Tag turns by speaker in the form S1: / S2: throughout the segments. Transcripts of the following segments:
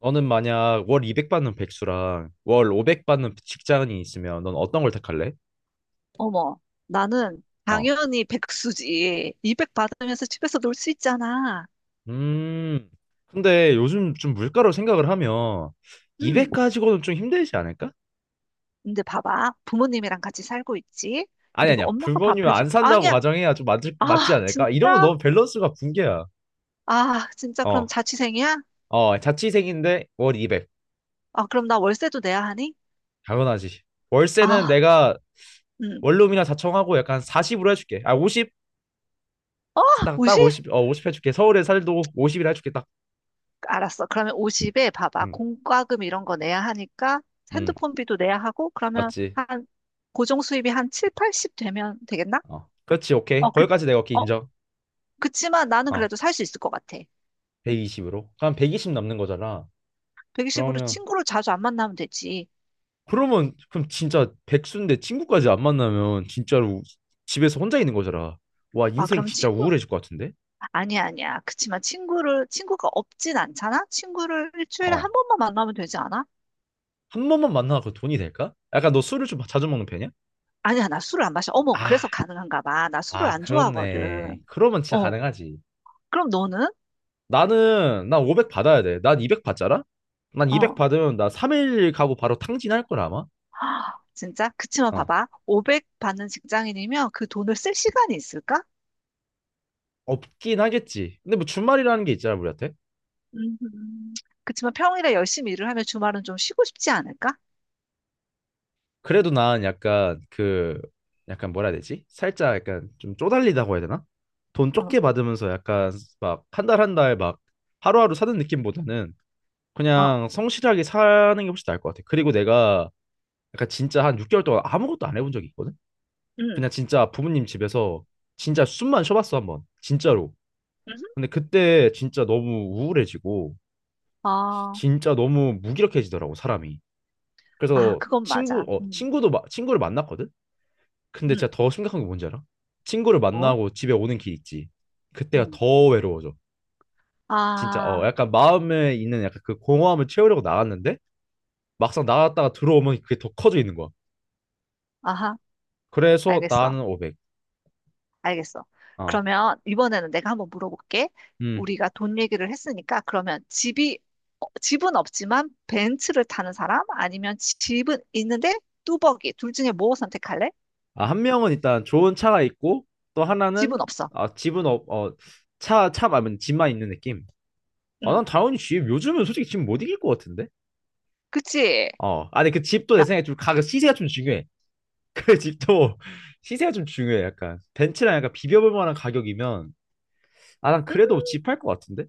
S1: 너는 만약 월 200 받는 백수랑 월 500 받는 직장인이 있으면 넌 어떤 걸 택할래?
S2: 어머, 나는
S1: 어.
S2: 당연히 백수지. 200 받으면서 집에서 놀 수 있잖아.
S1: 음. 근데 요즘 좀 물가로 생각을 하면
S2: 응.
S1: 200 가지고는 좀 힘들지 않을까?
S2: 근데 봐봐. 부모님이랑 같이 살고 있지.
S1: 아니
S2: 그리고
S1: 아니야.
S2: 엄마가 밥
S1: 불법이면
S2: 해줘.
S1: 안 산다고
S2: 아니야.
S1: 가정해야 좀 맞지
S2: 아,
S1: 맞지 않을까? 이러면
S2: 진짜?
S1: 너무 밸런스가 붕괴야.
S2: 아, 진짜 그럼
S1: 어.
S2: 자취생이야?
S1: 어, 자취생인데 월 200.
S2: 아, 그럼 나 월세도 내야 하니?
S1: 당연하지. 월세는
S2: 아,
S1: 내가
S2: 응.
S1: 원룸이나 자청하고 약간 40으로 해줄게. 아, 50? 딱,
S2: 50?
S1: 딱 50, 50 해줄게. 서울에 살도 50이라 해줄게. 딱.
S2: 알았어. 그러면 50에 봐봐.
S1: 음.
S2: 공과금 이런 거 내야 하니까
S1: 음.
S2: 핸드폰비도 내야 하고 그러면
S1: 맞지.
S2: 한 고정 수입이 한 7, 80 되면 되겠나?
S1: 어. 그렇지, 오케이.
S2: 어, 그,
S1: 거기까지 내가 오케이
S2: 어,
S1: 인정.
S2: 그치만 나는
S1: 어.
S2: 그래도 살 수 있을 것 같아.
S1: 120으로. 그럼 120 남는 거잖아.
S2: 110으로
S1: 그러면
S2: 친구를 자주 안 만나면 되지.
S1: 그러면 그럼 진짜 백수인데 친구까지 안 만나면 진짜로 집에서 혼자 있는 거잖아. 와,
S2: 아,
S1: 인생
S2: 그럼
S1: 진짜
S2: 친구.
S1: 우울해질 것 같은데?
S2: 아니야, 아니야. 그치만 친구가 없진 않잖아? 친구를 일주일에 한
S1: 어.
S2: 번만 만나면 되지 않아?
S1: 한 번만 만나서 그 돈이 될까? 약간 너 술을 좀 자주 먹는 편이야?
S2: 아니야, 나 술을 안 마셔. 어머,
S1: 아,
S2: 그래서 가능한가 봐. 나 술을
S1: 아,
S2: 안 좋아하거든.
S1: 그렇네. 그러면 진짜
S2: 어,
S1: 가능하지.
S2: 그럼 너는?
S1: 나는 나 500 받아야 돼. 난 200 받잖아? 난 200
S2: 어,
S1: 받으면 나 3일 가고 바로 탕진할 걸 아마.
S2: 하, 진짜? 그치만
S1: 어.
S2: 봐봐. 500 받는 직장인이면 그 돈을 쓸 시간이 있을까?
S1: 없긴 하겠지. 근데 뭐 주말이라는 게 있잖아, 우리한테.
S2: 음, 그치만 평일에 열심히 일을 하면 주말은 좀 쉬고 싶지 않을까?
S1: 그래도 난 약간 그 약간 뭐라 해야 되지? 살짝 약간 좀 쪼달리다고 해야 되나? 돈
S2: 응,
S1: 적게 받으면서 약간 막 한 달 한 달 막 하루하루 사는 느낌보다는
S2: 어,
S1: 그냥 성실하게 사는 게 훨씬 나을 것 같아. 그리고 내가 약간 진짜 한 6개월 동안 아무것도 안 해본 적이 있거든?
S2: 응,
S1: 그냥 진짜 부모님 집에서 진짜 숨만 쉬어봤어 한 번. 진짜로.
S2: 음, 음.
S1: 근데 그때 진짜 너무 우울해지고
S2: 아,
S1: 진짜 너무 무기력해지더라고 사람이.
S2: 아,
S1: 그래서
S2: 그건
S1: 친구
S2: 맞아.
S1: 어 친구도 마, 친구를 만났거든. 근데
S2: 음.
S1: 진짜 더 심각한 게 뭔지 알아? 친구를
S2: 뭐.
S1: 만나고 집에 오는 길 있지. 그때가
S2: 응,
S1: 더 외로워져. 진짜
S2: 아,
S1: 약간 마음에 있는 약간 그 공허함을 채우려고 나갔는데 막상 나갔다가 들어오면 그게 더 커져 있는 거야.
S2: 아하,
S1: 그래서
S2: 알겠어.
S1: 나는 500.
S2: 알겠어.
S1: 아,
S2: 그러면 이번에는 내가 한번 물어볼게.
S1: 음.
S2: 우리가 돈 얘기를 했으니까 그러면 집은 없지만 벤츠를 타는 사람? 아니면 집은 있는데 뚜벅이. 둘 중에 뭐 선택할래?
S1: 아, 한 명은 일단 좋은 차가 있고 또 하나는
S2: 집은 없어.
S1: 아 집은 없 어 차 말면 집만 있는 느낌. 아,
S2: 응,
S1: 난 당연히 집 요즘은 솔직히 집 못 이길 것 같은데.
S2: 그치?
S1: 어. 아니 그 집도 내
S2: 라,
S1: 생각에 좀 가격 시세가 좀 중요해. 그 집도 시세가 좀 중요해. 약간 벤츠랑 약간 비벼볼 만한 가격이면 아 난
S2: 음,
S1: 그래도 집할 것 같은데.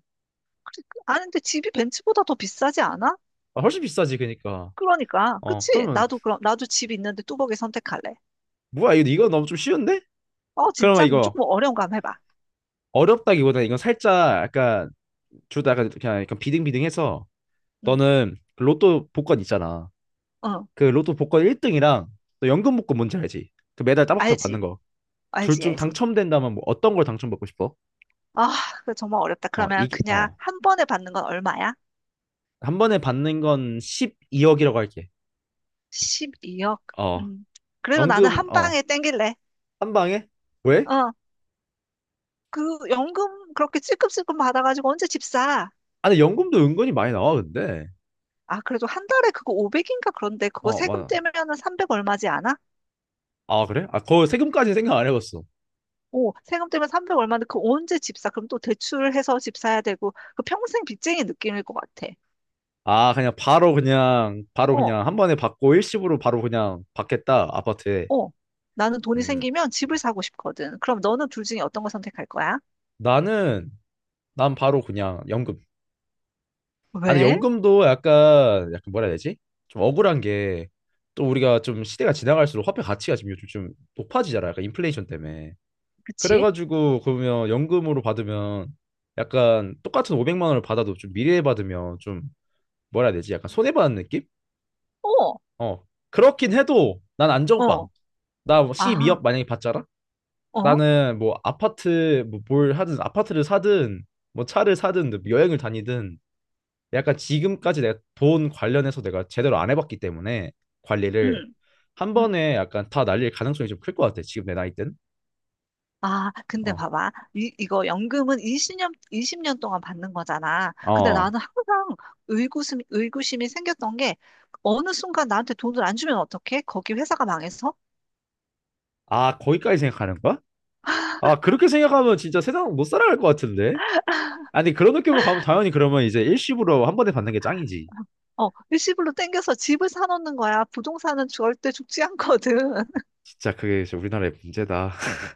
S2: 그래. 아는데 집이 벤츠보다 더 비싸지 않아?
S1: 아, 훨씬 비싸지 그니까.
S2: 그러니까. 그치?
S1: 그러면
S2: 나도 집 있는데 뚜벅이 선택할래.
S1: 뭐야 이거 너무 좀 쉬운데?
S2: 어,
S1: 그러면
S2: 진짜? 그럼
S1: 이거
S2: 조금 어려운 거 한번 해봐.
S1: 어렵다기보다 이건 살짝 약간 둘다 약간 그냥 약간 비등비등해서
S2: 응,
S1: 너는 그 로또 복권 있잖아.
S2: 어,
S1: 그 로또 복권 1등이랑 너 연금 복권 뭔지 알지? 그 매달 따박따박 받는
S2: 알지.
S1: 거. 둘
S2: 알지,
S1: 중
S2: 알지.
S1: 당첨된다면 뭐 어떤 걸 당첨받고 싶어?
S2: 아, 그거 정말 어렵다.
S1: 어
S2: 그러면
S1: 이게
S2: 그냥
S1: 어
S2: 한 번에 받는 건 얼마야?
S1: 한 번에 받는 건 12억이라고 할게.
S2: 12억.
S1: 어
S2: 음. 그래도 나는
S1: 연금
S2: 한
S1: 어
S2: 방에 땡길래.
S1: 한 방에? 왜?
S2: 어. 그 연금 그렇게 찔끔찔끔 받아가지고 언제 집 사?
S1: 아니 연금도 은근히 많이 나와 근데.
S2: 아, 그래도 한 달에 그거 500인가 그런데 그거
S1: 어
S2: 세금
S1: 맞아.
S2: 떼면은 300 얼마지 않아?
S1: 아 그래? 아 거 세금까지 생각 안 해봤어.
S2: 오, 세금 떼면 300 얼마인데 그거 언제 집 사? 그럼 또 대출해서 집 사야 되고 그 평생 빚쟁이 느낌일 것 같아.
S1: 아 그냥 바로 그냥 바로
S2: 어,
S1: 그냥 한 번에 받고 일시불로 바로 그냥 받겠다 아파트에.
S2: 어. 나는 돈이
S1: 음
S2: 생기면 집을 사고 싶거든. 그럼 너는 둘 중에 어떤 거 선택할 거야?
S1: 나는 난 바로 그냥 연금. 아니
S2: 왜?
S1: 연금도 약간 뭐라 해야 되지? 좀 억울한 게 또 우리가 좀 시대가 지나갈수록 화폐 가치가 지금 요즘 좀 높아지잖아. 약간 인플레이션 때문에.
S2: 그치?
S1: 그래가지고 그러면 연금으로 받으면 약간 똑같은 500만 원을 받아도 좀 미래에 받으면 좀 뭐라 해야 되지? 약간 손해보는 느낌?
S2: 어.
S1: 어. 그렇긴 해도 난 안정빵.
S2: 어.
S1: 나뭐
S2: 아,
S1: C2억 만약에 받잖아?
S2: 어?
S1: 나는 뭐 아파트 뭐 뭘 하든 아파트를 사든 뭐 차를 사든 뭐 여행을 다니든 약간 지금까지 내가 돈 관련해서 내가 제대로 안 해봤기 때문에 관리를
S2: 응,
S1: 한
S2: 응,
S1: 번에 약간 다 날릴 가능성이 좀 클 것 같아. 지금 내 나이 땐.
S2: 아, 근데
S1: 어.
S2: 봐봐. 이거 연금은 20년, 이십 년 동안 받는 거잖아. 근데
S1: 어.
S2: 나는 항상 의구심이 생겼던 게 어느 순간 나한테 돈을 안 주면 어떡해? 거기 회사가 망해서?
S1: 아, 거기까지 생각하는 거야? 아, 그렇게 생각하면 진짜 세상 못 살아갈 것 같은데? 아니, 그런 느낌으로 가면 당연히 그러면 이제 일시불로 한 번에 받는 게 짱이지.
S2: 일시불로 땡겨서 집을 사놓는 거야. 부동산은 절대 죽지 않거든.
S1: 진짜 그게 진짜 우리나라의 문제다.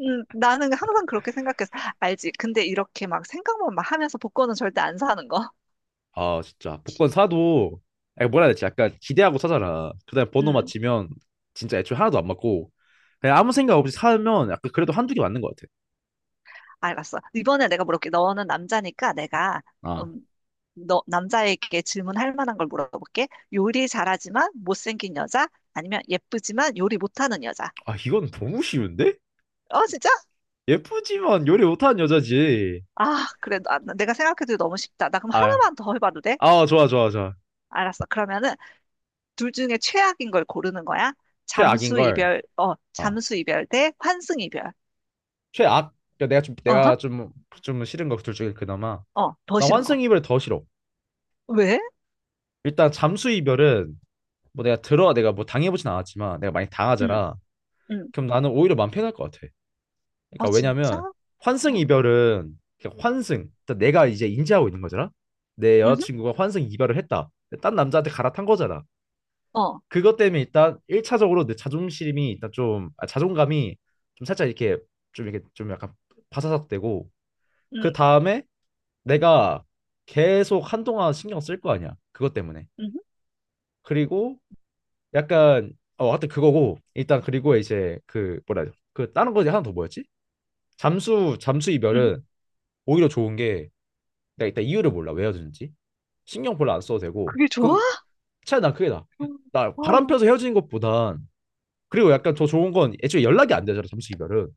S2: 나는 항상 그렇게 생각했어. 알지? 근데 이렇게 막 생각만 막 하면서 복권은 절대 안 사는 거.
S1: 아 진짜 복권 사도 아니, 뭐라 해야 되지? 약간 기대하고 사잖아. 그다음에 번호 맞히면 진짜 애초에 하나도 안 맞고 그냥 아무 생각 없이 사면 약간 그래도 한두 개 맞는 것 같아.
S2: 알았어. 이번에 내가 물어볼게. 너는 남자니까
S1: 아,
S2: 음, 너, 남자에게 질문할 만한 걸 물어볼게. 요리 잘하지만 못생긴 여자? 아니면 예쁘지만 요리 못하는 여자?
S1: 아, 이건 너무 쉬운데?
S2: 어, 진짜?
S1: 예쁘지만 요리 못하는 여자지.
S2: 아, 그래. 내가 생각해도 너무 쉽다. 나 그럼
S1: 아,
S2: 하나만 더 해봐도 돼?
S1: 아, 좋아 좋아 좋아.
S2: 알았어. 그러면은 둘 중에 최악인 걸 고르는 거야?
S1: 최악인 걸. 어,
S2: 잠수 이별 대 환승 이별.
S1: 최악. 그러니까 내가 좀
S2: 어허?
S1: 내가 좀 좀 싫은 거 둘 중에 그나마
S2: 더
S1: 나
S2: 싫은 거.
S1: 환승 이별 더 싫어.
S2: 왜?
S1: 일단 잠수 이별은 뭐 내가 들어 내가 뭐 당해보진 않았지만 내가 많이
S2: 응,
S1: 당하잖아.
S2: 응.
S1: 그럼 나는 오히려 마음 편할 것 같아.
S2: 어,
S1: 그러니까
S2: 진짜?
S1: 왜냐면 환승
S2: 어,
S1: 이별은 그냥 환승. 그러니까 내가 이제 인지하고 있는 거잖아. 내
S2: 응,
S1: 여자친구가 환승 이별을 했다. 딴 남자한테 갈아탄 거잖아.
S2: 어,
S1: 그것 때문에 일단 1차적으로 내 자존심이 일단 좀 아, 자존감이 좀 살짝 이렇게 좀 이렇게 좀 약간 바사삭되고 그
S2: 응,
S1: 다음에 내가 계속 한동안 신경 쓸 거 아니야. 그것 때문에.
S2: 응,
S1: 그리고 약간 하여튼 그거고 일단 그리고 이제 그 뭐라 해야 돼? 그 다른 거 하나 더 뭐였지? 잠수
S2: 응.
S1: 이별은 오히려 좋은 게 내가 일단 이유를 몰라 왜 헤어지는지 신경 별로 안 써도 되고
S2: 그게 좋아?
S1: 그 차라리 난 그게 나아 나 바람 펴서
S2: 어,
S1: 헤어지는 것보단 그리고 약간 더 좋은 건 애초에 연락이 안 되잖아 잠수 이별은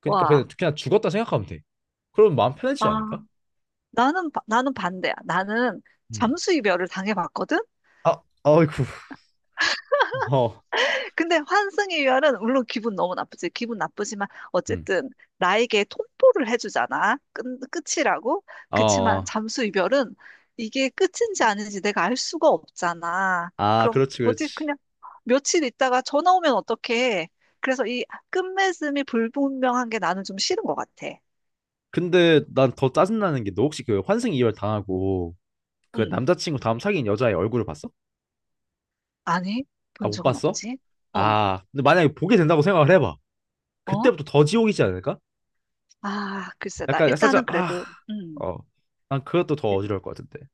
S1: 그러니까 그냥
S2: 와,
S1: 그냥 죽었다 생각하면 돼 그럼 마음 편해지지
S2: 아,
S1: 않을까?
S2: 나는 반대야. 나는
S1: 음.
S2: 잠수 이별을 당해봤거든?
S1: 아, 아이고. 어.
S2: 근데 환승 이별은 물론 기분 너무 나쁘지. 기분 나쁘지만
S1: 음.
S2: 어쨌든 나에게 통보를 해주잖아. 끝이라고.
S1: 어,
S2: 그치만 잠수 이별은 이게 끝인지 아닌지 내가 알 수가 없잖아.
S1: 아, 그렇지,
S2: 뭐지?
S1: 그렇지.
S2: 그냥 며칠 있다가 전화 오면 어떡해. 그래서 이 끝맺음이 불분명한 게 나는 좀 싫은 것 같아.
S1: 근데 난 더 짜증나는 게 너 혹시 그 환승 이별 당하고 그
S2: 응.
S1: 남자친구 다음 사귄 여자의 얼굴을 봤어?
S2: 아니,
S1: 아,
S2: 본
S1: 못
S2: 적은
S1: 봤어?
S2: 없지? 어.
S1: 아, 근데 만약에 보게 된다고 생각을 해봐.
S2: 어?
S1: 그때부터 더 지옥이지 않을까?
S2: 아, 글쎄, 나
S1: 약간 살짝
S2: 일단은
S1: 아,
S2: 그래도,
S1: 어, 난 그것도 더
S2: 일-
S1: 어지러울 것 같은데.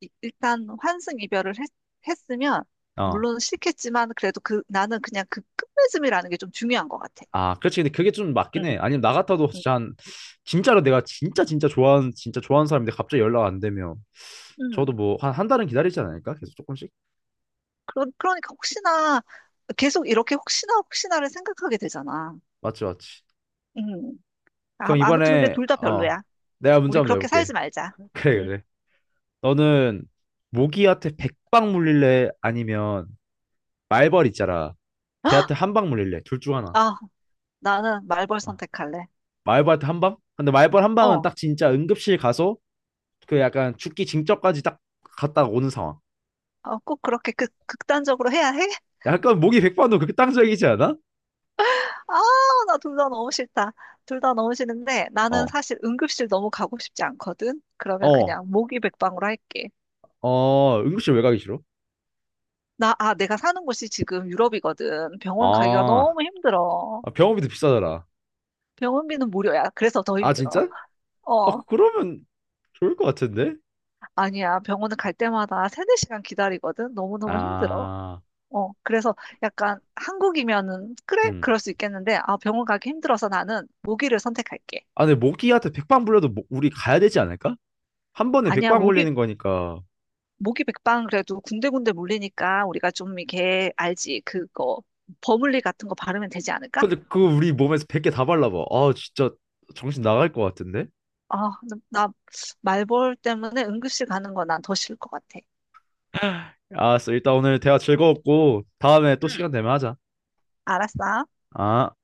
S2: 일단 환승 이별을 했으면,
S1: 어,
S2: 물론 싫겠지만, 그래도 나는 그냥 그 끝맺음이라는 게 좀 중요한 것 같아.
S1: 아, 그렇지. 근데 그게 좀 맞긴 해.
S2: 음,
S1: 아니면 나 같아도
S2: 음,
S1: 진짜 한, 진짜로 내가 진짜 진짜 좋아하는 진짜 좋아하는 사람인데 갑자기 연락 안 되면 저도
S2: 음.
S1: 뭐 한 한 달은 기다리지 않을까? 계속 조금씩.
S2: 그러니까 혹시나, 계속 이렇게 혹시나 혹시나를 생각하게 되잖아.
S1: 맞지, 맞지.
S2: 음. 아,
S1: 그럼
S2: 아무튼 근데
S1: 이번에
S2: 둘 다
S1: 어,
S2: 별로야.
S1: 내가 문제
S2: 우리
S1: 한번
S2: 그렇게 살지
S1: 내볼게.
S2: 말자.
S1: 그래,
S2: 음.
S1: 그래. 너는 모기한테 백방 물릴래? 아니면 말벌 있잖아. 걔한테 한방 물릴래? 둘 중 하나.
S2: 아, 나는 말벌
S1: 어.
S2: 선택할래.
S1: 마이벌트 한 방? 근데 마이벌 한 방은
S2: 어,
S1: 딱 진짜 응급실 가서 그 약간 죽기 징전까지 딱 갔다 오는 상황.
S2: 어, 꼭 그렇게 극단적으로 해야 해?
S1: 약간 목이 백반도 그렇게 땅적이지 않아?
S2: 아, 나 둘 다 너무 싫다. 둘 다 너무 싫은데 나는
S1: 어,
S2: 사실 응급실 너무 가고 싶지 않거든. 그러면
S1: 어,
S2: 그냥 모기백방으로 할게.
S1: 어, 응급실 왜 가기 싫어?
S2: 내가 사는 곳이 지금 유럽이거든. 병원 가기가
S1: 아,
S2: 너무 힘들어.
S1: 아, 병원비도 비싸더라.
S2: 병원비는 무료야. 그래서 더
S1: 아,
S2: 힘들어.
S1: 진짜? 아,
S2: 어,
S1: 그러면 좋을 것 같은데?
S2: 아니야. 병원을 갈 때마다 세네 시간 기다리거든. 너무너무 힘들어.
S1: 아,
S2: 그래서 약간 한국이면은, 그래?
S1: 음.
S2: 그럴 수 있겠는데, 아, 병원 가기 힘들어서 나는 모기를 선택할게.
S1: 아, 근데 모기한테 백방 물려도 우리 가야 되지 않을까? 한 번에
S2: 아니야,
S1: 백방
S2: 모기
S1: 물리는 거니까.
S2: 모기 백방 그래도 군데군데 물리니까 우리가 좀 이렇게 알지 그거 버물리 같은 거 바르면 되지 않을까?
S1: 근데 그거 우리 몸에서 백개 다 발라봐. 아, 진짜 정신 나갈 것 같은데?
S2: 아, 나 말벌 때문에 응급실 가는 거 난 더 싫을 것 같아.
S1: 알았어. 일단 오늘 대화 즐거웠고, 다음에 또
S2: 응,
S1: 시간 되면 하자.
S2: 알았어.
S1: 아.